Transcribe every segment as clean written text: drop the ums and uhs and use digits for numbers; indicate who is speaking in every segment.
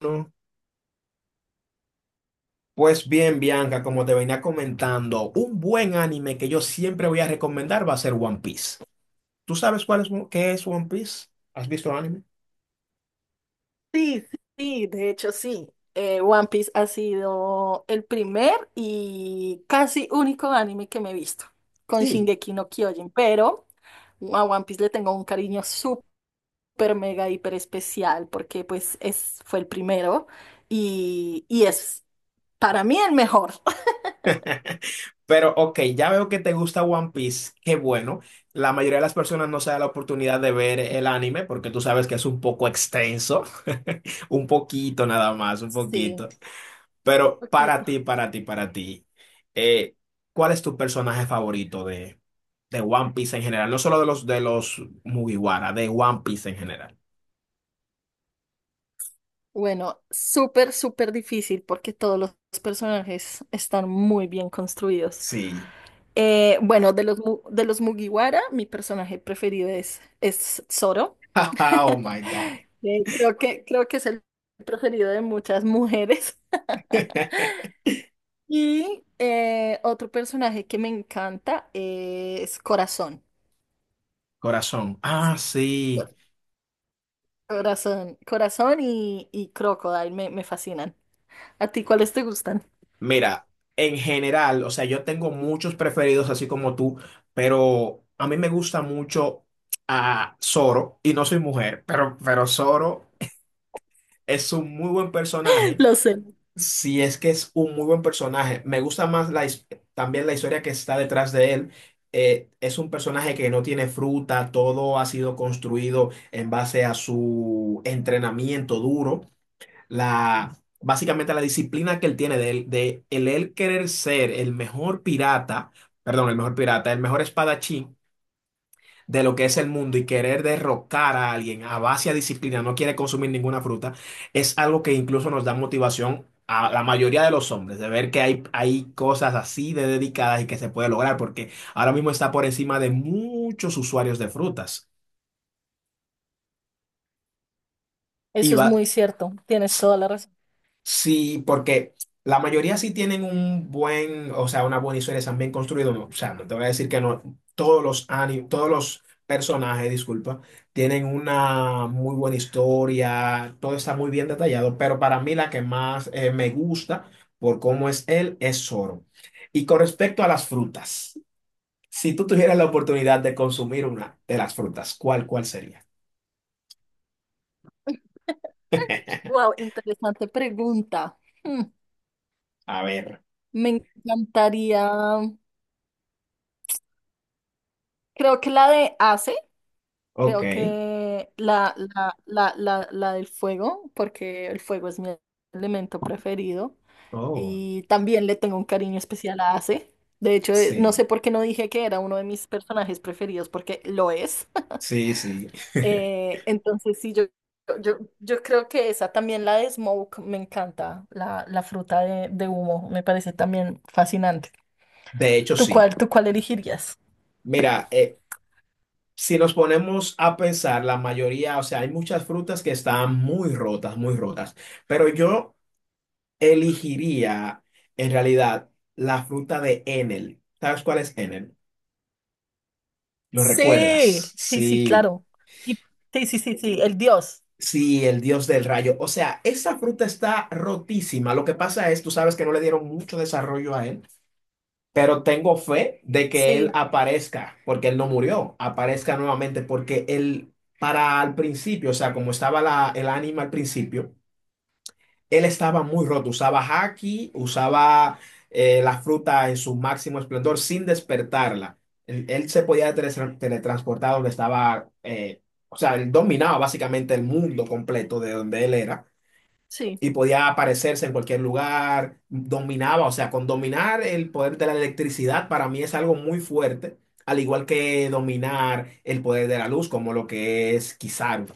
Speaker 1: No. Pues bien, Bianca, como te venía comentando, un buen anime que yo siempre voy a recomendar va a ser One Piece. ¿Tú sabes cuál es, qué es One Piece? ¿Has visto el anime?
Speaker 2: Sí, sí, de hecho sí. One Piece ha sido el primer y casi único anime que me he visto con
Speaker 1: Sí.
Speaker 2: Shingeki no Kyojin, pero a One Piece le tengo un cariño súper mega hiper especial porque fue el primero y es para mí el mejor.
Speaker 1: Pero ok, ya veo que te gusta One Piece, qué bueno. La mayoría de las personas no se da la oportunidad de ver el anime porque tú sabes que es un poco extenso, un poquito nada más, un
Speaker 2: Sí,
Speaker 1: poquito.
Speaker 2: un
Speaker 1: Pero para ti,
Speaker 2: poquito.
Speaker 1: para ti, para ti, eh, ¿cuál es tu personaje favorito de One Piece en general, no solo de los Mugiwara, de One Piece en general?
Speaker 2: Bueno, súper difícil porque todos los personajes están muy bien construidos.
Speaker 1: Sí.
Speaker 2: Bueno, de los Mugiwara, mi personaje preferido es Zoro.
Speaker 1: Oh my God.
Speaker 2: Creo que es el preferido de muchas mujeres. Y otro personaje que me encanta es Corazón.
Speaker 1: Corazón. Ah,
Speaker 2: Sí,
Speaker 1: sí.
Speaker 2: Cor- Corazón y Crocodile me fascinan. ¿A ti cuáles te gustan?
Speaker 1: Mira, en general, o sea, yo tengo muchos preferidos así como tú, pero a mí me gusta mucho a Zoro y no soy mujer, pero Zoro es un muy buen personaje.
Speaker 2: Lo sé.
Speaker 1: Si es que es un muy buen personaje. Me gusta más también la historia que está detrás de él. Es un personaje que no tiene fruta, todo ha sido construido en base a su entrenamiento duro, básicamente la disciplina que él tiene de, él- de el él querer ser el mejor pirata, perdón, el mejor pirata, el mejor espadachín de lo que es el mundo, y querer derrocar a alguien a base de disciplina, no quiere consumir ninguna fruta. Es algo que incluso nos da motivación a la mayoría de los hombres, de ver que hay cosas así de dedicadas y que se puede lograr, porque ahora mismo está por encima de muchos usuarios de frutas. Y
Speaker 2: Eso es
Speaker 1: va.
Speaker 2: muy cierto, tienes toda la razón.
Speaker 1: Sí, porque la mayoría sí tienen un buen, o sea, una buena historia, están bien construidos, ¿no? O sea, no te voy a decir que no, todos los personajes, disculpa, tienen una muy buena historia, todo está muy bien detallado, pero para mí la que más me gusta por cómo es él es Zoro. Y con respecto a las frutas, si tú tuvieras la oportunidad de consumir una de las frutas, ¿cuál sería?
Speaker 2: Wow, interesante pregunta. Hmm,
Speaker 1: A ver,
Speaker 2: Me encantaría, creo que la de Ace,
Speaker 1: ok.
Speaker 2: creo que la del fuego, porque el fuego es mi elemento preferido
Speaker 1: Oh,
Speaker 2: y también le tengo un cariño especial a Ace. De hecho, no sé
Speaker 1: sí,
Speaker 2: por qué no dije que era uno de mis personajes preferidos, porque lo es.
Speaker 1: sí, sí.
Speaker 2: Entonces, sí, yo creo que esa también, la de smoke, me encanta, la fruta de humo, me parece también fascinante.
Speaker 1: De hecho, sí.
Speaker 2: ¿Tú cuál elegirías?
Speaker 1: Mira, si nos ponemos a pensar, la mayoría, o sea, hay muchas frutas que están muy rotas, pero yo elegiría en realidad la fruta de Enel. ¿Sabes cuál es Enel? ¿Lo
Speaker 2: Sí,
Speaker 1: recuerdas?
Speaker 2: sí, sí,
Speaker 1: Sí,
Speaker 2: claro. Y- sí, sí, sí, sí, el dios.
Speaker 1: sí, el dios del rayo. O sea, esa fruta está rotísima. Lo que pasa es, tú sabes que no le dieron mucho desarrollo a él. Pero tengo fe de que él
Speaker 2: Sí,
Speaker 1: aparezca, porque él no murió, aparezca nuevamente, porque él, para al principio, o sea, como estaba el ánima al principio, él estaba muy roto, usaba haki, usaba la fruta en su máximo esplendor sin despertarla. Él se podía teletransportar donde estaba, o sea, él dominaba básicamente el mundo completo de donde él era
Speaker 2: sí,
Speaker 1: y podía aparecerse en cualquier lugar, dominaba, o sea, con dominar el poder de la electricidad para mí es algo muy fuerte, al igual que dominar el poder de la luz, como lo que es Kizaru.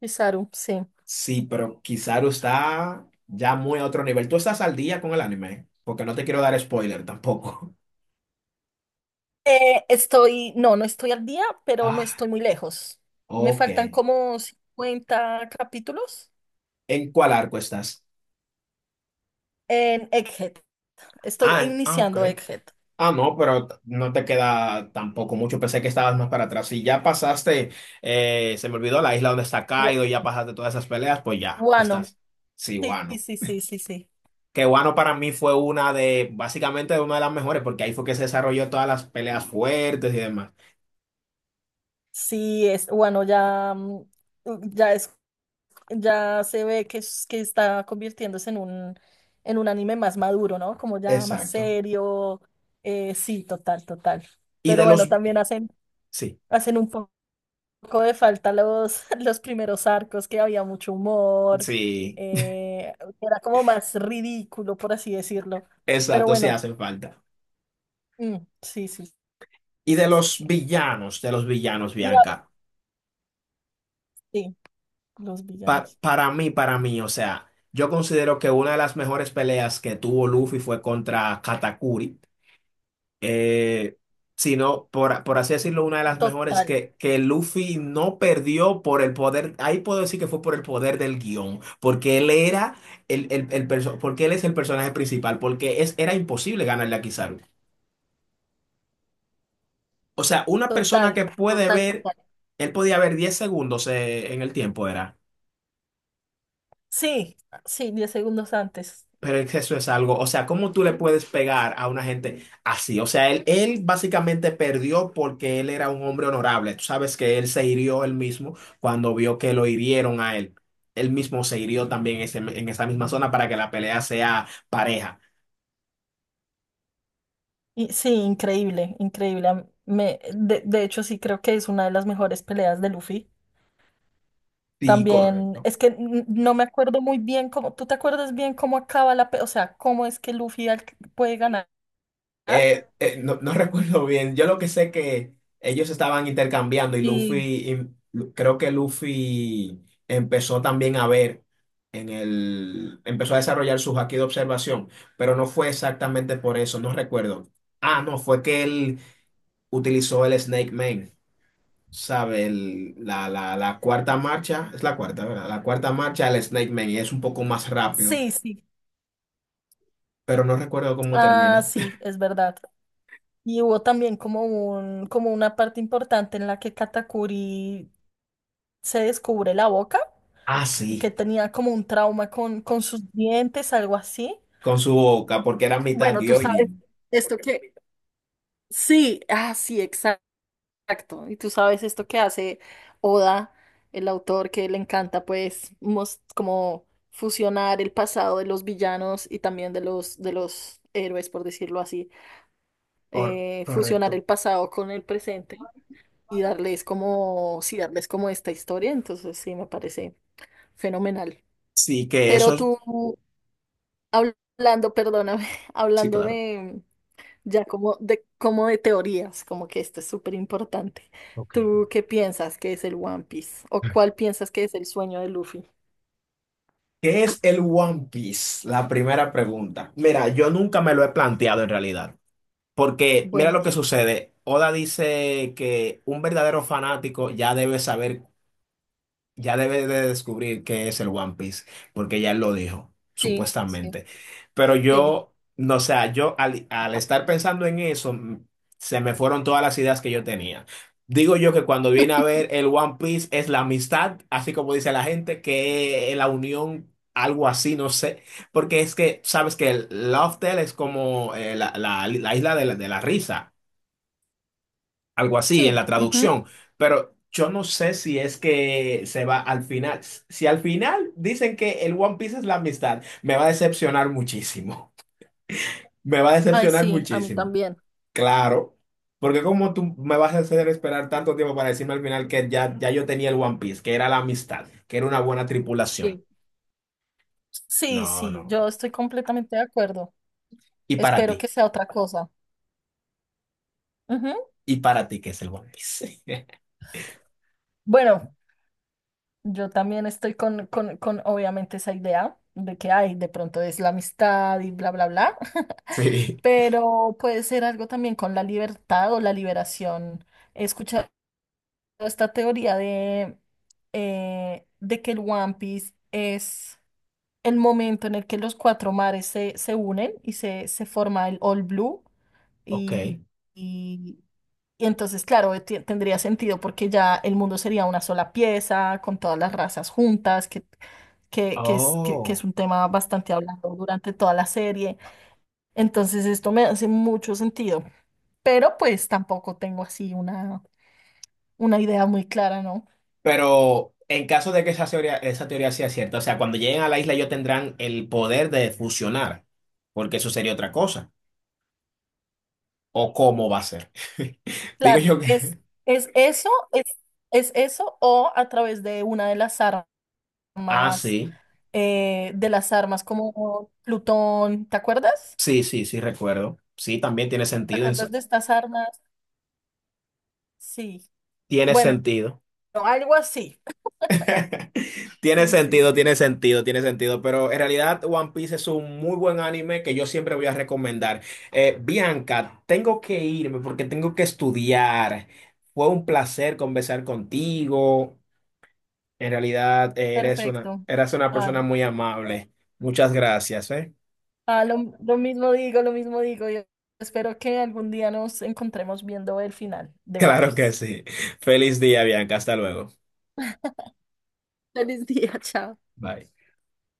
Speaker 2: Isaru, sí.
Speaker 1: Sí, pero Kizaru está ya muy a otro nivel. Tú estás al día con el anime, ¿eh? Porque no te quiero dar spoiler tampoco.
Speaker 2: Estoy, no, no estoy al día, pero no
Speaker 1: Ah,
Speaker 2: estoy muy lejos. Me
Speaker 1: ok.
Speaker 2: faltan como 50 capítulos
Speaker 1: ¿En cuál arco estás?
Speaker 2: en Egghead. Estoy
Speaker 1: Ah, ah, ok.
Speaker 2: iniciando Egghead.
Speaker 1: Ah, no, pero no te queda tampoco mucho. Pensé que estabas más para atrás. Si ya pasaste, se me olvidó la isla donde está
Speaker 2: Wa-
Speaker 1: Kaido, ya pasaste todas esas peleas, pues ya
Speaker 2: Wano,
Speaker 1: estás. Sí,
Speaker 2: sí,
Speaker 1: Wano.
Speaker 2: sí, sí, sí, sí.
Speaker 1: Que Wano para mí fue una de, básicamente, una de las mejores, porque ahí fue que se desarrolló todas las peleas fuertes y demás.
Speaker 2: Sí, bueno, ya es, ya se ve que está convirtiéndose en en un anime más maduro, ¿no? Como ya más
Speaker 1: Exacto.
Speaker 2: serio. Sí, total, total.
Speaker 1: Y
Speaker 2: Pero
Speaker 1: de
Speaker 2: bueno,
Speaker 1: los.
Speaker 2: también hacen,
Speaker 1: Sí,
Speaker 2: hacen un poco de falta los, los primeros arcos, que había mucho humor,
Speaker 1: sí,
Speaker 2: eh, era como más ridículo, por así decirlo. Pero
Speaker 1: exacto, sí
Speaker 2: bueno,
Speaker 1: hacen falta.
Speaker 2: mm, sí, sí,
Speaker 1: Y
Speaker 2: sí.
Speaker 1: de los villanos,
Speaker 2: Y ahora
Speaker 1: Bianca.
Speaker 2: sí, los
Speaker 1: Pa-
Speaker 2: villanos.
Speaker 1: para mí, para mí, o sea, yo considero que una de las mejores peleas que tuvo Luffy fue contra Katakuri. Eh, Sino, por así decirlo, una de las mejores
Speaker 2: Total.
Speaker 1: que Luffy no perdió por el poder. Ahí puedo decir que fue por el poder del guión, porque él era porque él es el personaje principal, porque es, era imposible ganarle a Kizaru. O sea, una persona
Speaker 2: Total,
Speaker 1: que puede
Speaker 2: total,
Speaker 1: ver,
Speaker 2: total.
Speaker 1: él podía ver 10 segundos en el tiempo, era.
Speaker 2: Sí, sí, 10 segundos antes.
Speaker 1: Pero es que eso es algo, o sea, ¿cómo tú le puedes pegar a una gente así? O sea, él básicamente perdió porque él era un hombre honorable. Tú sabes que él se hirió él mismo cuando vio que lo hirieron a él. Él mismo se hirió también en esa misma zona para que la pelea sea pareja.
Speaker 2: Y sí, increíble, increíble. De hecho, sí creo que es una de las mejores peleas de Luffy.
Speaker 1: Sí,
Speaker 2: También
Speaker 1: correcto.
Speaker 2: es que no me acuerdo muy bien cómo. ¿Tú te acuerdas bien cómo acaba la pelea? O sea, ¿cómo es que Luffy puede ganar?
Speaker 1: No, no recuerdo bien. Yo lo que sé que ellos estaban intercambiando y Luffy,
Speaker 2: Sí,
Speaker 1: creo que Luffy empezó también a ver empezó a desarrollar su haki de observación, pero no fue exactamente por eso, no recuerdo. Ah, no, fue que él utilizó el Snake Man, ¿sabe? La cuarta marcha, es la cuarta, ¿verdad? La cuarta marcha, el Snake Man, y es un poco más rápido,
Speaker 2: sí, sí.
Speaker 1: pero no recuerdo cómo
Speaker 2: Ah,
Speaker 1: termina.
Speaker 2: sí, es verdad. Y hubo también como como una parte importante en la que Katakuri se descubre la boca.
Speaker 1: Ah,
Speaker 2: Y que
Speaker 1: sí,
Speaker 2: tenía como un trauma con sus dientes, algo así.
Speaker 1: con su boca, porque era mitad
Speaker 2: Bueno, tú sabes
Speaker 1: Gyojin.
Speaker 2: esto que... Sí, ah, sí, exacto. Y tú sabes esto que hace Oda, el autor, que le encanta, pues, como fusionar el pasado de los villanos y también de los héroes, por decirlo así.
Speaker 1: Cor-
Speaker 2: Fusionar
Speaker 1: correcto.
Speaker 2: el pasado con el presente y darles como, sí, darles como esta historia. Entonces, sí, me parece fenomenal.
Speaker 1: Sí.
Speaker 2: Pero tú, hablando, perdóname,
Speaker 1: Sí,
Speaker 2: hablando
Speaker 1: claro.
Speaker 2: de ya como de teorías, como que esto es súper importante. ¿Tú qué piensas que es el One Piece? ¿O cuál piensas que es el sueño de Luffy?
Speaker 1: ¿Qué es el One Piece? La primera pregunta. Mira, yo nunca me lo he planteado en realidad. Porque mira lo que
Speaker 2: Buenísimo.
Speaker 1: sucede. Oda dice que un verdadero fanático ya debe de descubrir qué es el One Piece, porque ya él lo dijo,
Speaker 2: Sí, sí,
Speaker 1: supuestamente. Pero
Speaker 2: sí.
Speaker 1: yo, no, o sea, yo al estar pensando en eso, se me fueron todas las ideas que yo tenía. Digo yo que cuando viene a ver el One Piece es la amistad, así como dice la gente, que es la unión, algo así, no sé. Porque es que, sabes que el Love Tale es como la isla de la risa, algo así en
Speaker 2: Sí,
Speaker 1: la
Speaker 2: ujú.
Speaker 1: traducción, pero yo no sé si es que se va al final. Si al final dicen que el One Piece es la amistad, me va a decepcionar muchísimo, me va a
Speaker 2: Ay,
Speaker 1: decepcionar
Speaker 2: sí, a mí
Speaker 1: muchísimo,
Speaker 2: también.
Speaker 1: claro, porque como tú me vas a hacer esperar tanto tiempo para decirme al final que ya yo tenía el One Piece, que era la amistad, que era una buena tripulación.
Speaker 2: Sí. Sí,
Speaker 1: No,
Speaker 2: sí,
Speaker 1: no.
Speaker 2: yo estoy completamente de acuerdo.
Speaker 1: ¿Y para
Speaker 2: Espero
Speaker 1: ti,
Speaker 2: que sea otra cosa. Ujú.
Speaker 1: y para ti que es el One Piece?
Speaker 2: Bueno, yo también estoy con, obviamente, esa idea de que hay, de pronto es la amistad y bla, bla, bla,
Speaker 1: Sí,
Speaker 2: pero puede ser algo también con la libertad o la liberación. He escuchado esta teoría de que el One Piece es el momento en el que los 4 mares se unen y se forma el All Blue.
Speaker 1: ok,
Speaker 2: Y y entonces, claro, tendría sentido porque ya el mundo sería una sola pieza, con todas las razas juntas, que que es
Speaker 1: oh.
Speaker 2: un tema bastante hablado durante toda la serie. Entonces, esto me hace mucho sentido, pero pues tampoco tengo así una idea muy clara, ¿no?
Speaker 1: Pero en caso de que esa teoría sea cierta, o sea, cuando lleguen a la isla ellos tendrán el poder de fusionar, porque eso sería otra cosa. ¿O cómo va a ser? Digo
Speaker 2: Claro,
Speaker 1: yo
Speaker 2: es,
Speaker 1: que...
Speaker 2: es eso, es eso o a través de una
Speaker 1: Ah,
Speaker 2: armas,
Speaker 1: sí,
Speaker 2: de las armas como Plutón, ¿te acuerdas?
Speaker 1: sí, sí, sí, recuerdo. Sí, también tiene
Speaker 2: ¿Te
Speaker 1: sentido.
Speaker 2: acuerdas de estas armas? Sí.
Speaker 1: Tiene
Speaker 2: Bueno.
Speaker 1: sentido.
Speaker 2: No, algo así.
Speaker 1: Tiene
Speaker 2: Sí, sí,
Speaker 1: sentido,
Speaker 2: sí.
Speaker 1: tiene sentido, tiene sentido, pero en realidad One Piece es un muy buen anime que yo siempre voy a recomendar. Bianca, tengo que irme porque tengo que estudiar. Fue un placer conversar contigo. En realidad eres una,
Speaker 2: Perfecto.
Speaker 1: eres una persona
Speaker 2: Ay,
Speaker 1: muy amable. Muchas gracias, ¿eh?
Speaker 2: ah, lo mismo digo, lo mismo digo. Yo espero que algún día nos encontremos viendo el final de One
Speaker 1: Claro que
Speaker 2: Piece.
Speaker 1: sí. Feliz día, Bianca. Hasta luego.
Speaker 2: Feliz día, chao.
Speaker 1: Bye.